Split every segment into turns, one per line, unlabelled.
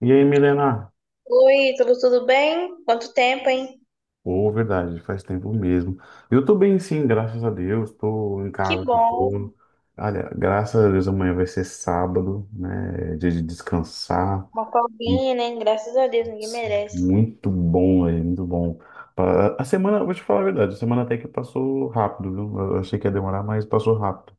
E aí, Milena?
Oi, tudo bem? Quanto tempo, hein?
Pô, verdade, faz tempo mesmo. Eu tô bem, sim, graças a Deus. Tô em
Que
casa de
bom.
boa. Olha, graças a Deus amanhã vai ser sábado, né? Dia de descansar.
Uma folguinha, né? Graças a Deus, ninguém
Putz,
merece.
muito bom, velho, muito bom. A semana, vou te falar a verdade, a semana até que passou rápido, viu? Eu achei que ia demorar, mas passou rápido,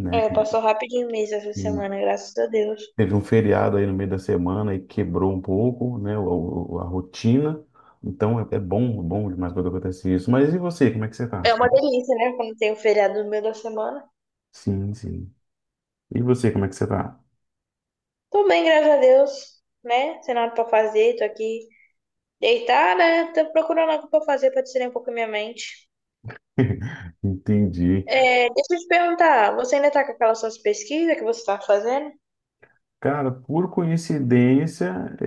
né?
É, passou rapidinho mesmo essa semana, graças a Deus.
Teve um feriado aí no meio da semana e quebrou um pouco, né, a rotina. Então é bom, bom demais quando acontece isso. Mas e você, como é que você tá?
É uma delícia, né? Quando tem o feriado no meio da semana.
Sim, sim. E você, como é que você tá?
Tô bem, graças a Deus, né? Sem nada pra fazer, tô aqui deitada, né? Tô procurando algo pra fazer pra tirar um pouco a minha mente.
Entendi.
É, deixa eu te perguntar, você ainda tá com aquelas suas pesquisas que você tá fazendo?
Cara, por coincidência, é,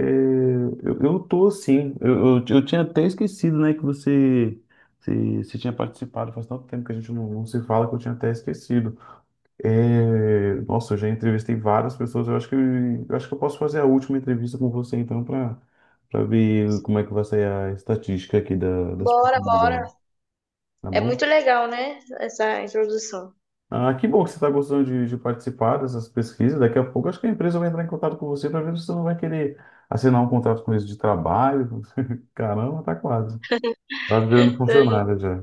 eu tô sim. Eu tinha até esquecido, né, que você tinha participado. Faz tanto tempo que a gente não se fala que eu tinha até esquecido. É, nossa, eu já entrevistei várias pessoas. Eu acho que eu posso fazer a última entrevista com você, então, para ver como é que vai sair a estatística aqui da, das
Bora,
possibilidades,
bora.
tá
É
bom?
muito legal, né? Essa introdução.
Ah, que bom que você está gostando de participar dessas pesquisas. Daqui a pouco, eu acho que a empresa vai entrar em contato com você para ver se você não vai querer assinar um contrato com eles de trabalho. Caramba, tá quase. Tá virando funcionário já.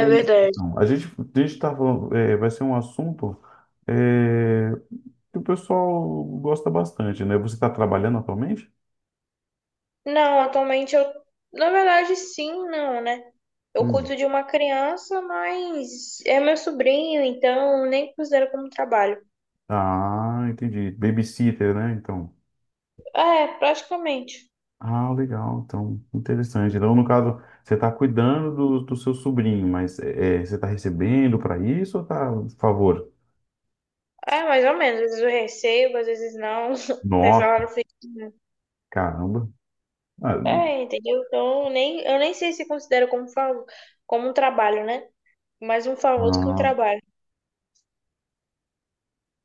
É verdade.
não, a gente está falando, vai ser um assunto. é, que o pessoal gosta bastante, né? Você está trabalhando atualmente?
Não, atualmente eu. Na verdade, sim, não, né? Eu
Hum.
cuido de uma criança, mas é meu sobrinho, então nem considero como trabalho.
Ah, entendi. Babysitter, né? Então.
É, praticamente.
Ah, legal. Então, interessante. Então, no caso, você está cuidando do seu sobrinho, mas você está recebendo para isso ou está a favor?
É, mais ou menos. Às vezes eu recebo, às vezes não. Tem
Nossa,
salário fixo.
caramba. Ah,
É, entendeu? Então, nem, eu nem sei se considero como, favor, como um trabalho, né? Mais um favor do que um
ah,
trabalho.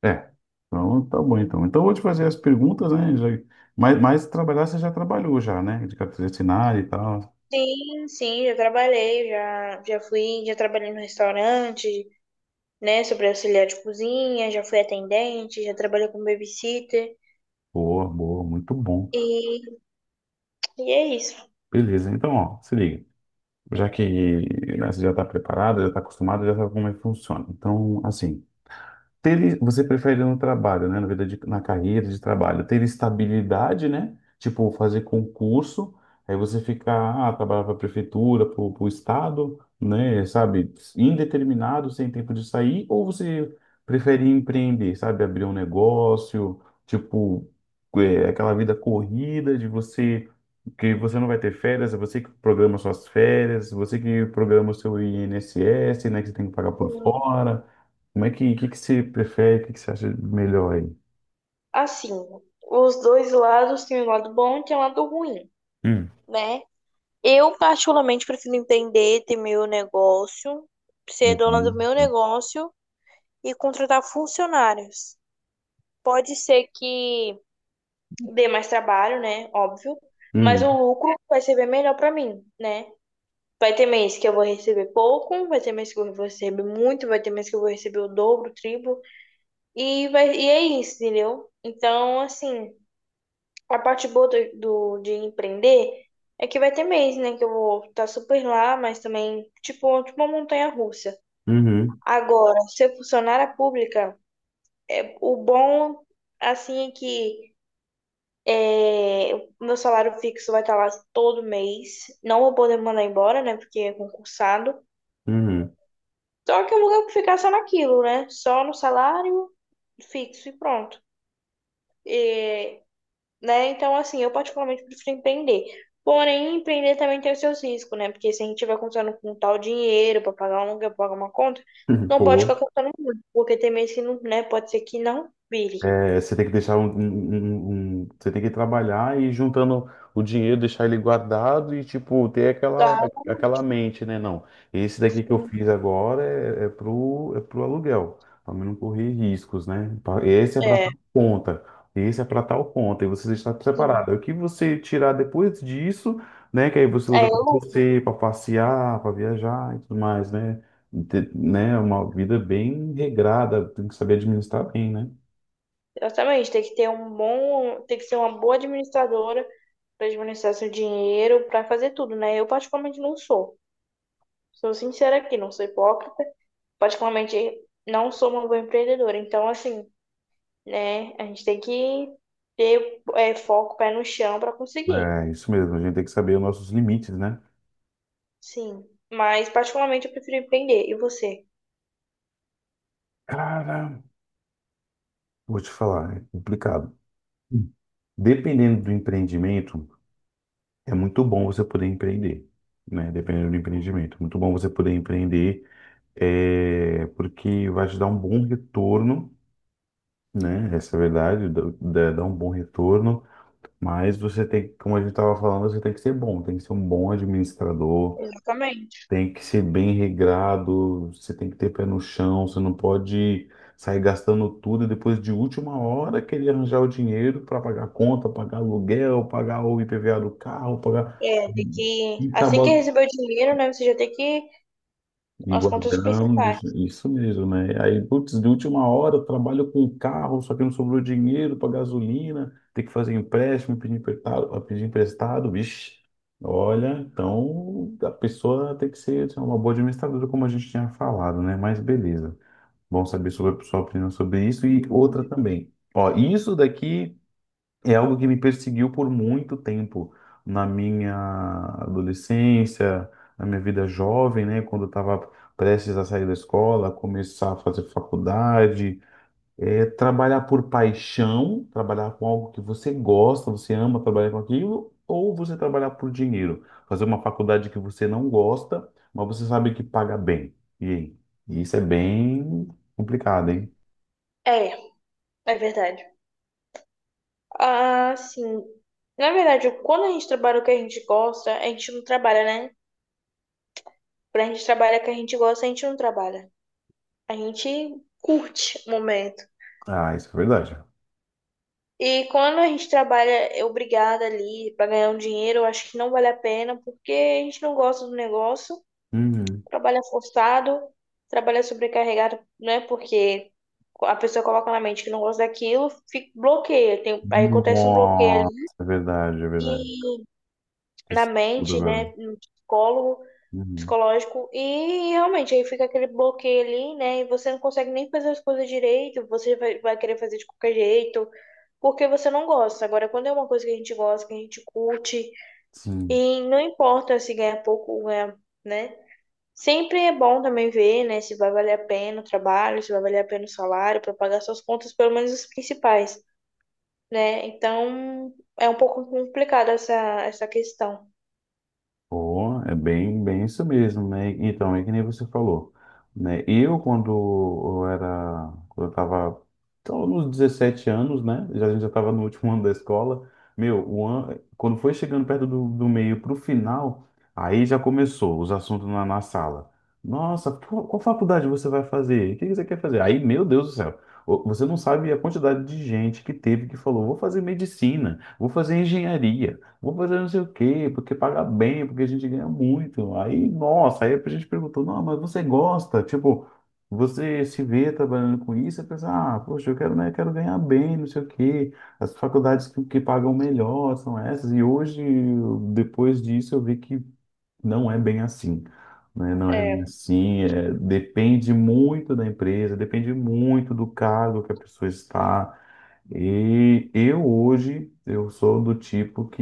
é. Então, tá bom, então. Então, eu vou te fazer as perguntas, né? Já, mas trabalhar você já trabalhou já, né? De carteira assinada e tal.
Sim, já trabalhei, já, já fui, já trabalhei no restaurante, né? Sobre auxiliar de cozinha, já fui atendente, já trabalhei como babysitter.
Boa, boa, muito bom.
E, e é isso.
Beleza, então, ó, se liga. Já que, né, você já está preparado, já está acostumado, já sabe como é que funciona. Então, assim, você prefere no trabalho, né? Na vida na carreira de trabalho, ter estabilidade, né? Tipo, fazer concurso, aí você ficar, trabalhar para a prefeitura, para o estado, né? Sabe, indeterminado, sem tempo de sair, ou você prefere empreender, sabe, abrir um negócio, tipo, aquela vida corrida de você que você não vai ter férias, é você que programa suas férias, você que programa o seu INSS, né, que você tem que pagar por fora. Como é que você prefere, o que você acha melhor aí?
Assim, os dois lados têm um lado bom e tem um lado ruim,
Hum.
né? Eu, particularmente, prefiro empreender, ter meu negócio, ser dona do
Uhum,
meu negócio e contratar funcionários. Pode ser que dê mais trabalho, né? Óbvio, mas
uhum,
o lucro vai ser bem melhor para mim, né? Vai ter mês que eu vou receber pouco, vai ter mês que eu vou receber muito, vai ter mês que eu vou receber o dobro, o triplo, e, vai, e é isso, entendeu? Então, assim, a parte boa do, do- de empreender é que vai ter mês, né, que eu vou estar super lá, mas também, tipo uma montanha-russa.
uhum,
Agora, ser funcionária pública, é, o bom, assim, é que é, o meu salário fixo vai estar lá todo mês, não vou poder mandar embora, né, porque é concursado.
uhum.
Só que eu nunca vou ficar só naquilo, né? Só no salário fixo e pronto. E, né? Então, assim, eu particularmente prefiro empreender. Porém, empreender também tem os seus riscos, né? Porque se a gente estiver contando com tal dinheiro para pagar um aluguel, pra pagar uma conta, não pode ficar
Pô,
contando muito, porque tem mês que não, né? Pode ser que não vire.
é, você tem que deixar você tem que trabalhar e ir juntando o dinheiro, deixar ele guardado e tipo ter aquela
Só
aquela mente, né? Não, esse daqui que eu
assim,
fiz agora é pro aluguel, para não correr riscos, né? Esse é para
é,
tal conta, esse é para tal conta e você deixar
sim.
separado. Aí o que você tirar depois disso, né? Que aí você
É,
usa para
lucro.
você, para passear, para viajar e tudo mais, né? Né? Uma vida bem regrada, tem que saber administrar bem, né?
Exatamente, tem que ter um bom, tem que ser uma boa administradora para administrar seu dinheiro, para fazer tudo, né? Eu particularmente não sou. Sou sincera aqui, não sou hipócrita. Particularmente, não sou uma boa empreendedora. Então, assim, né, a gente tem que ter é, foco, pé no chão para conseguir.
É isso mesmo, a gente tem que saber os nossos limites, né?
Sim. Mas, particularmente, eu prefiro empreender. E você?
Cara, vou te falar, é complicado. Dependendo do empreendimento, é muito bom você poder empreender, né? Dependendo do empreendimento, é muito bom você poder empreender, porque vai te dar um bom retorno, né? Essa é a verdade, dá um bom retorno, mas você tem, como a gente estava falando, você tem que ser bom, tem que ser um bom administrador,
Exatamente.
tem que ser bem regrado, você tem que ter pé no chão, você não pode sair gastando tudo e depois de última hora querer arranjar o dinheiro para pagar conta, pagar aluguel, pagar o IPVA do carro, pagar.
É, de que
E
assim que
acabou,
receber o dinheiro, né, você já tem que
e
as contas principais.
guardamos, isso mesmo, né? Aí, putz, de última hora, eu trabalho com carro, só que não sobrou dinheiro para gasolina, tem que fazer empréstimo, pedir emprestado, vixe. Olha, então a pessoa tem que ser assim, uma boa administradora, como a gente tinha falado, né? Mas beleza. Bom saber sobre a sua opinião sobre isso. E outra também. Ó, isso daqui. É algo que me perseguiu por muito tempo, na minha adolescência, na minha vida jovem, né? Quando eu estava prestes a sair da escola, começar a fazer faculdade, trabalhar por paixão, trabalhar com algo que você gosta, você ama trabalhar com aquilo, ou você trabalhar por dinheiro, fazer uma faculdade que você não gosta, mas você sabe que paga bem. E aí? Isso é bem complicado, hein?
É, é verdade. Ah, sim. Na verdade, quando a gente trabalha o que a gente gosta, a gente não trabalha, né? Quando a gente trabalha o que a gente gosta, a gente não trabalha. A gente curte o momento.
Ah, isso é verdade.
E quando a gente trabalha é obrigada ali para ganhar um dinheiro, eu acho que não vale a pena, porque a gente não gosta do negócio,
Uhum.
trabalha forçado, trabalha sobrecarregado, né? Porque a pessoa coloca na mente que não gosta daquilo, fica, bloqueia. Tem, aí acontece um bloqueio
Nossa,
ali
é verdade, é verdade.
e, na
Isso tudo
mente,
agora.
né? No psicólogo,
Uhum.
psicológico, e realmente aí fica aquele bloqueio ali, né? E você não consegue nem fazer as coisas direito, você vai, vai querer fazer de qualquer jeito. Porque você não gosta. Agora, quando é uma coisa que a gente gosta, que a gente curte,
Sim.
e não importa se ganha pouco ou ganha, né? Sempre é bom também ver, né, se vai valer a pena o trabalho, se vai valer a pena o salário, para pagar suas contas, pelo menos as principais, né? Então, é um pouco complicada essa, essa questão.
Pô, é bem, bem isso mesmo, né? Então, é que nem você falou, né? Eu, quando eu era, quando eu tava, então, nos 17 anos, né? Já, a gente já tava no último ano da escola, meu, o ano, quando foi chegando perto do meio pro final, aí já começou os assuntos na sala. Nossa, qual faculdade você vai fazer? O que que você quer fazer? Aí, meu Deus do céu, você não sabe a quantidade de gente que teve que falou, vou fazer medicina, vou fazer engenharia, vou fazer não sei o quê, porque paga bem, porque a gente ganha muito. Aí, nossa, aí a gente perguntou, não, mas você gosta? Tipo, você se vê trabalhando com isso, e pensa, ah, poxa, eu quero, né, quero ganhar bem, não sei o quê. As faculdades que pagam melhor são essas. E hoje, depois disso, eu vi que não é bem assim. Né? Não é bem
É,
assim, depende muito da empresa, depende muito do cargo que a pessoa está. E eu hoje eu sou do tipo que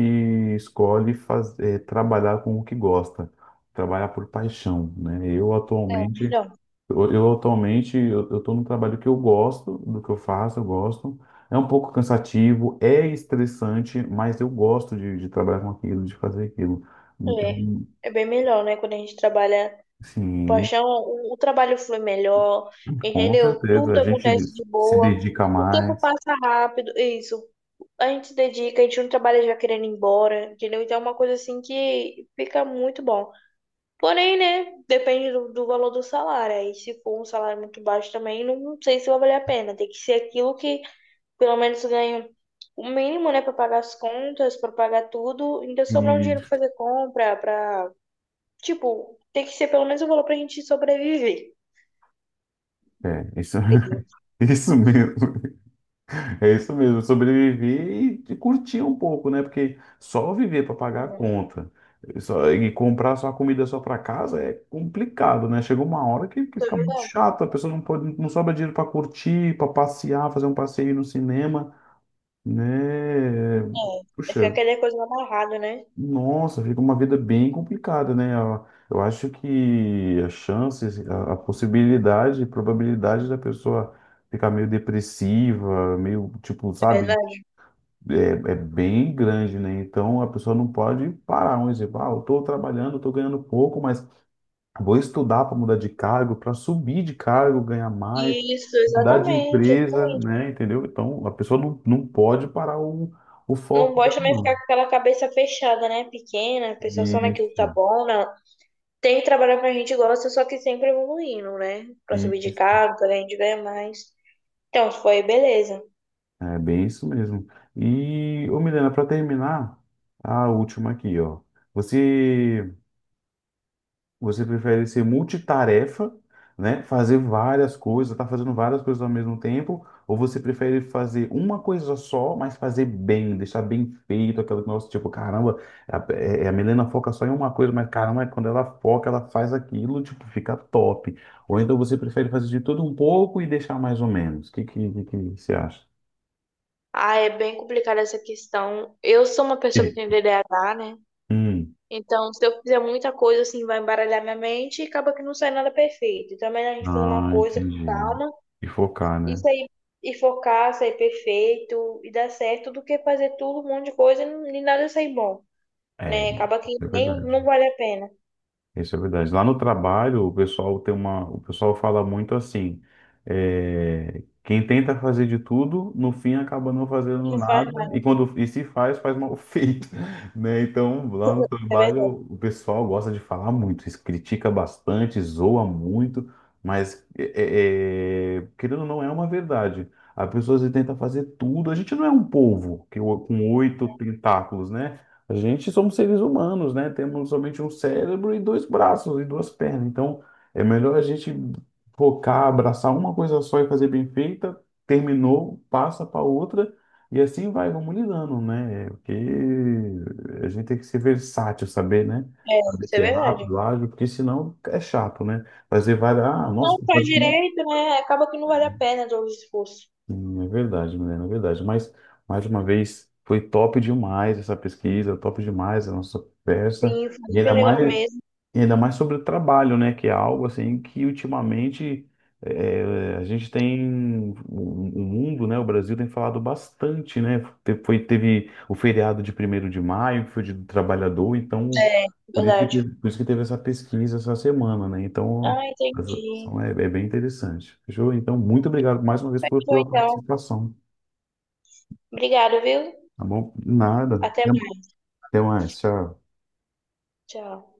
escolhe fazer, trabalhar com o que gosta, trabalhar por paixão, né? Eu
é
atualmente
melhor.
eu, eu atualmente eu, eu tô num trabalho que eu gosto do que eu faço, eu gosto. É um pouco cansativo, é estressante, mas eu gosto de trabalhar com aquilo, de fazer aquilo. Então,
É, é bem melhor, né? Quando a gente trabalha com
sim,
paixão, o trabalho flui melhor,
com
entendeu?
certeza
Tudo
a gente
acontece de
se
boa,
dedica
o tempo
mais
passa rápido, é isso. A gente se dedica, a gente não trabalha já querendo ir embora, entendeu? Então é uma coisa assim que fica muito bom. Porém, né? Depende do, do valor do salário. Aí se for um salário muito baixo também, não sei se vai valer a pena. Tem que ser aquilo que pelo menos ganho o mínimo, né, para pagar as contas, para pagar tudo, ainda sobrar um dinheiro para
e
fazer compra, para, tipo, tem que ser pelo menos o valor pra gente sobreviver.
é isso,
Entendeu?
isso mesmo. É isso mesmo, sobreviver e, curtir um pouco, né? Porque só viver para pagar a
É,
conta e comprar só a comida só para casa é complicado, né? Chega uma hora que
é
fica muito
verdade.
chato, a pessoa não pode, não sobra dinheiro para curtir, para passear, fazer um passeio no cinema, né?
É, fica
Puxa,
aquela coisa amarrada, né?
nossa, fica uma vida bem complicada, né? Eu acho que as chances, a possibilidade, a probabilidade da pessoa ficar meio depressiva, meio tipo,
É
sabe?
verdade.
É bem grande, né? Então a pessoa não pode parar. Um exemplo, ah, eu estou trabalhando, estou ganhando pouco, mas vou estudar para mudar de cargo, para subir de cargo, ganhar mais,
Isso,
mudar de
exatamente.
empresa, né? Entendeu? Então a pessoa não pode parar o
Não
foco
gosta
dela,
também ficar
não.
com aquela cabeça fechada, né? Pequena, pensar só naquilo que tá
Isso,
bom, não. Tem que trabalhar pra gente gosta, só que sempre evoluindo, né? Pra subir de
isso.
cargo, pra gente ganhar mais. Então, foi beleza.
É bem isso mesmo. E, ô Milena, para terminar, a última aqui, ó. Você Você prefere ser multitarefa, né? Fazer várias coisas, tá fazendo várias coisas ao mesmo tempo, ou você prefere fazer uma coisa só, mas fazer bem, deixar bem feito, aquela que, nossa, tipo, caramba, a Milena foca só em uma coisa, mas caramba, é quando ela foca, ela faz aquilo, tipo, fica top. Ou então você prefere fazer de tudo um pouco e deixar mais ou menos. O que você acha?
Ah, é bem complicada essa questão. Eu sou uma pessoa
E-
que tem D D a DDAH, né?
Hum.
Então, se eu fizer muita coisa, assim, vai embaralhar minha mente e acaba que não sai nada perfeito. Então, é melhor a gente fazer uma
Ah,
coisa com
entendi.
calma
E focar,
e
né?
sair e focar, sair perfeito e dar certo do que fazer tudo, um monte de coisa e não- e nada sair bom,
É,
né? Acaba que
é
nem não
verdade.
vale a pena.
Isso é verdade. Lá no trabalho, o pessoal fala muito assim, quem tenta fazer de tudo, no fim acaba não fazendo
Não faz
nada, e
nada,
quando e se faz, mal feito, né? Então, lá no
é verdade.
trabalho, o pessoal gosta de falar muito, se critica bastante, zoa muito, mas querendo ou não é uma verdade. A pessoa se tenta fazer tudo. A gente não é um polvo que com oito tentáculos, né? A gente somos seres humanos, né? Temos somente um cérebro e dois braços e duas pernas. Então, é melhor a gente focar, abraçar uma coisa só e fazer bem feita. Terminou, passa para outra e assim vai, vamos lidando, né? Porque a gente tem que ser versátil, saber, né?
É,
Saber
isso é
ser
verdade.
rápido, ágil, porque senão é chato, né? Fazer várias. Ah, nossa,
Não faz direito, né? Acaba que não vale a pena todo o esforço.
hum, é verdade, Milena, é verdade. Mas, mais uma vez, foi top demais essa pesquisa, top demais a nossa conversa.
Sim, foi
E
muito
ainda
legal
mais,
mesmo.
e ainda mais sobre o trabalho, né? Que é algo assim que ultimamente, eh, a gente tem, o mundo, né? O Brasil tem falado bastante, né? Teve o feriado de primeiro de maio, que foi o Dia do Trabalhador, então
É,
por isso que
verdade.
teve, por isso que teve essa pesquisa essa semana, né? Então
Ah,
as-
entendi.
são- é, é bem interessante. Fechou? Então, muito obrigado mais uma vez por
Bom,
sua
então,
participação,
obrigado, viu?
tá bom? Nada.
Até
Até
mais.
até mais. Tchau.
Tchau.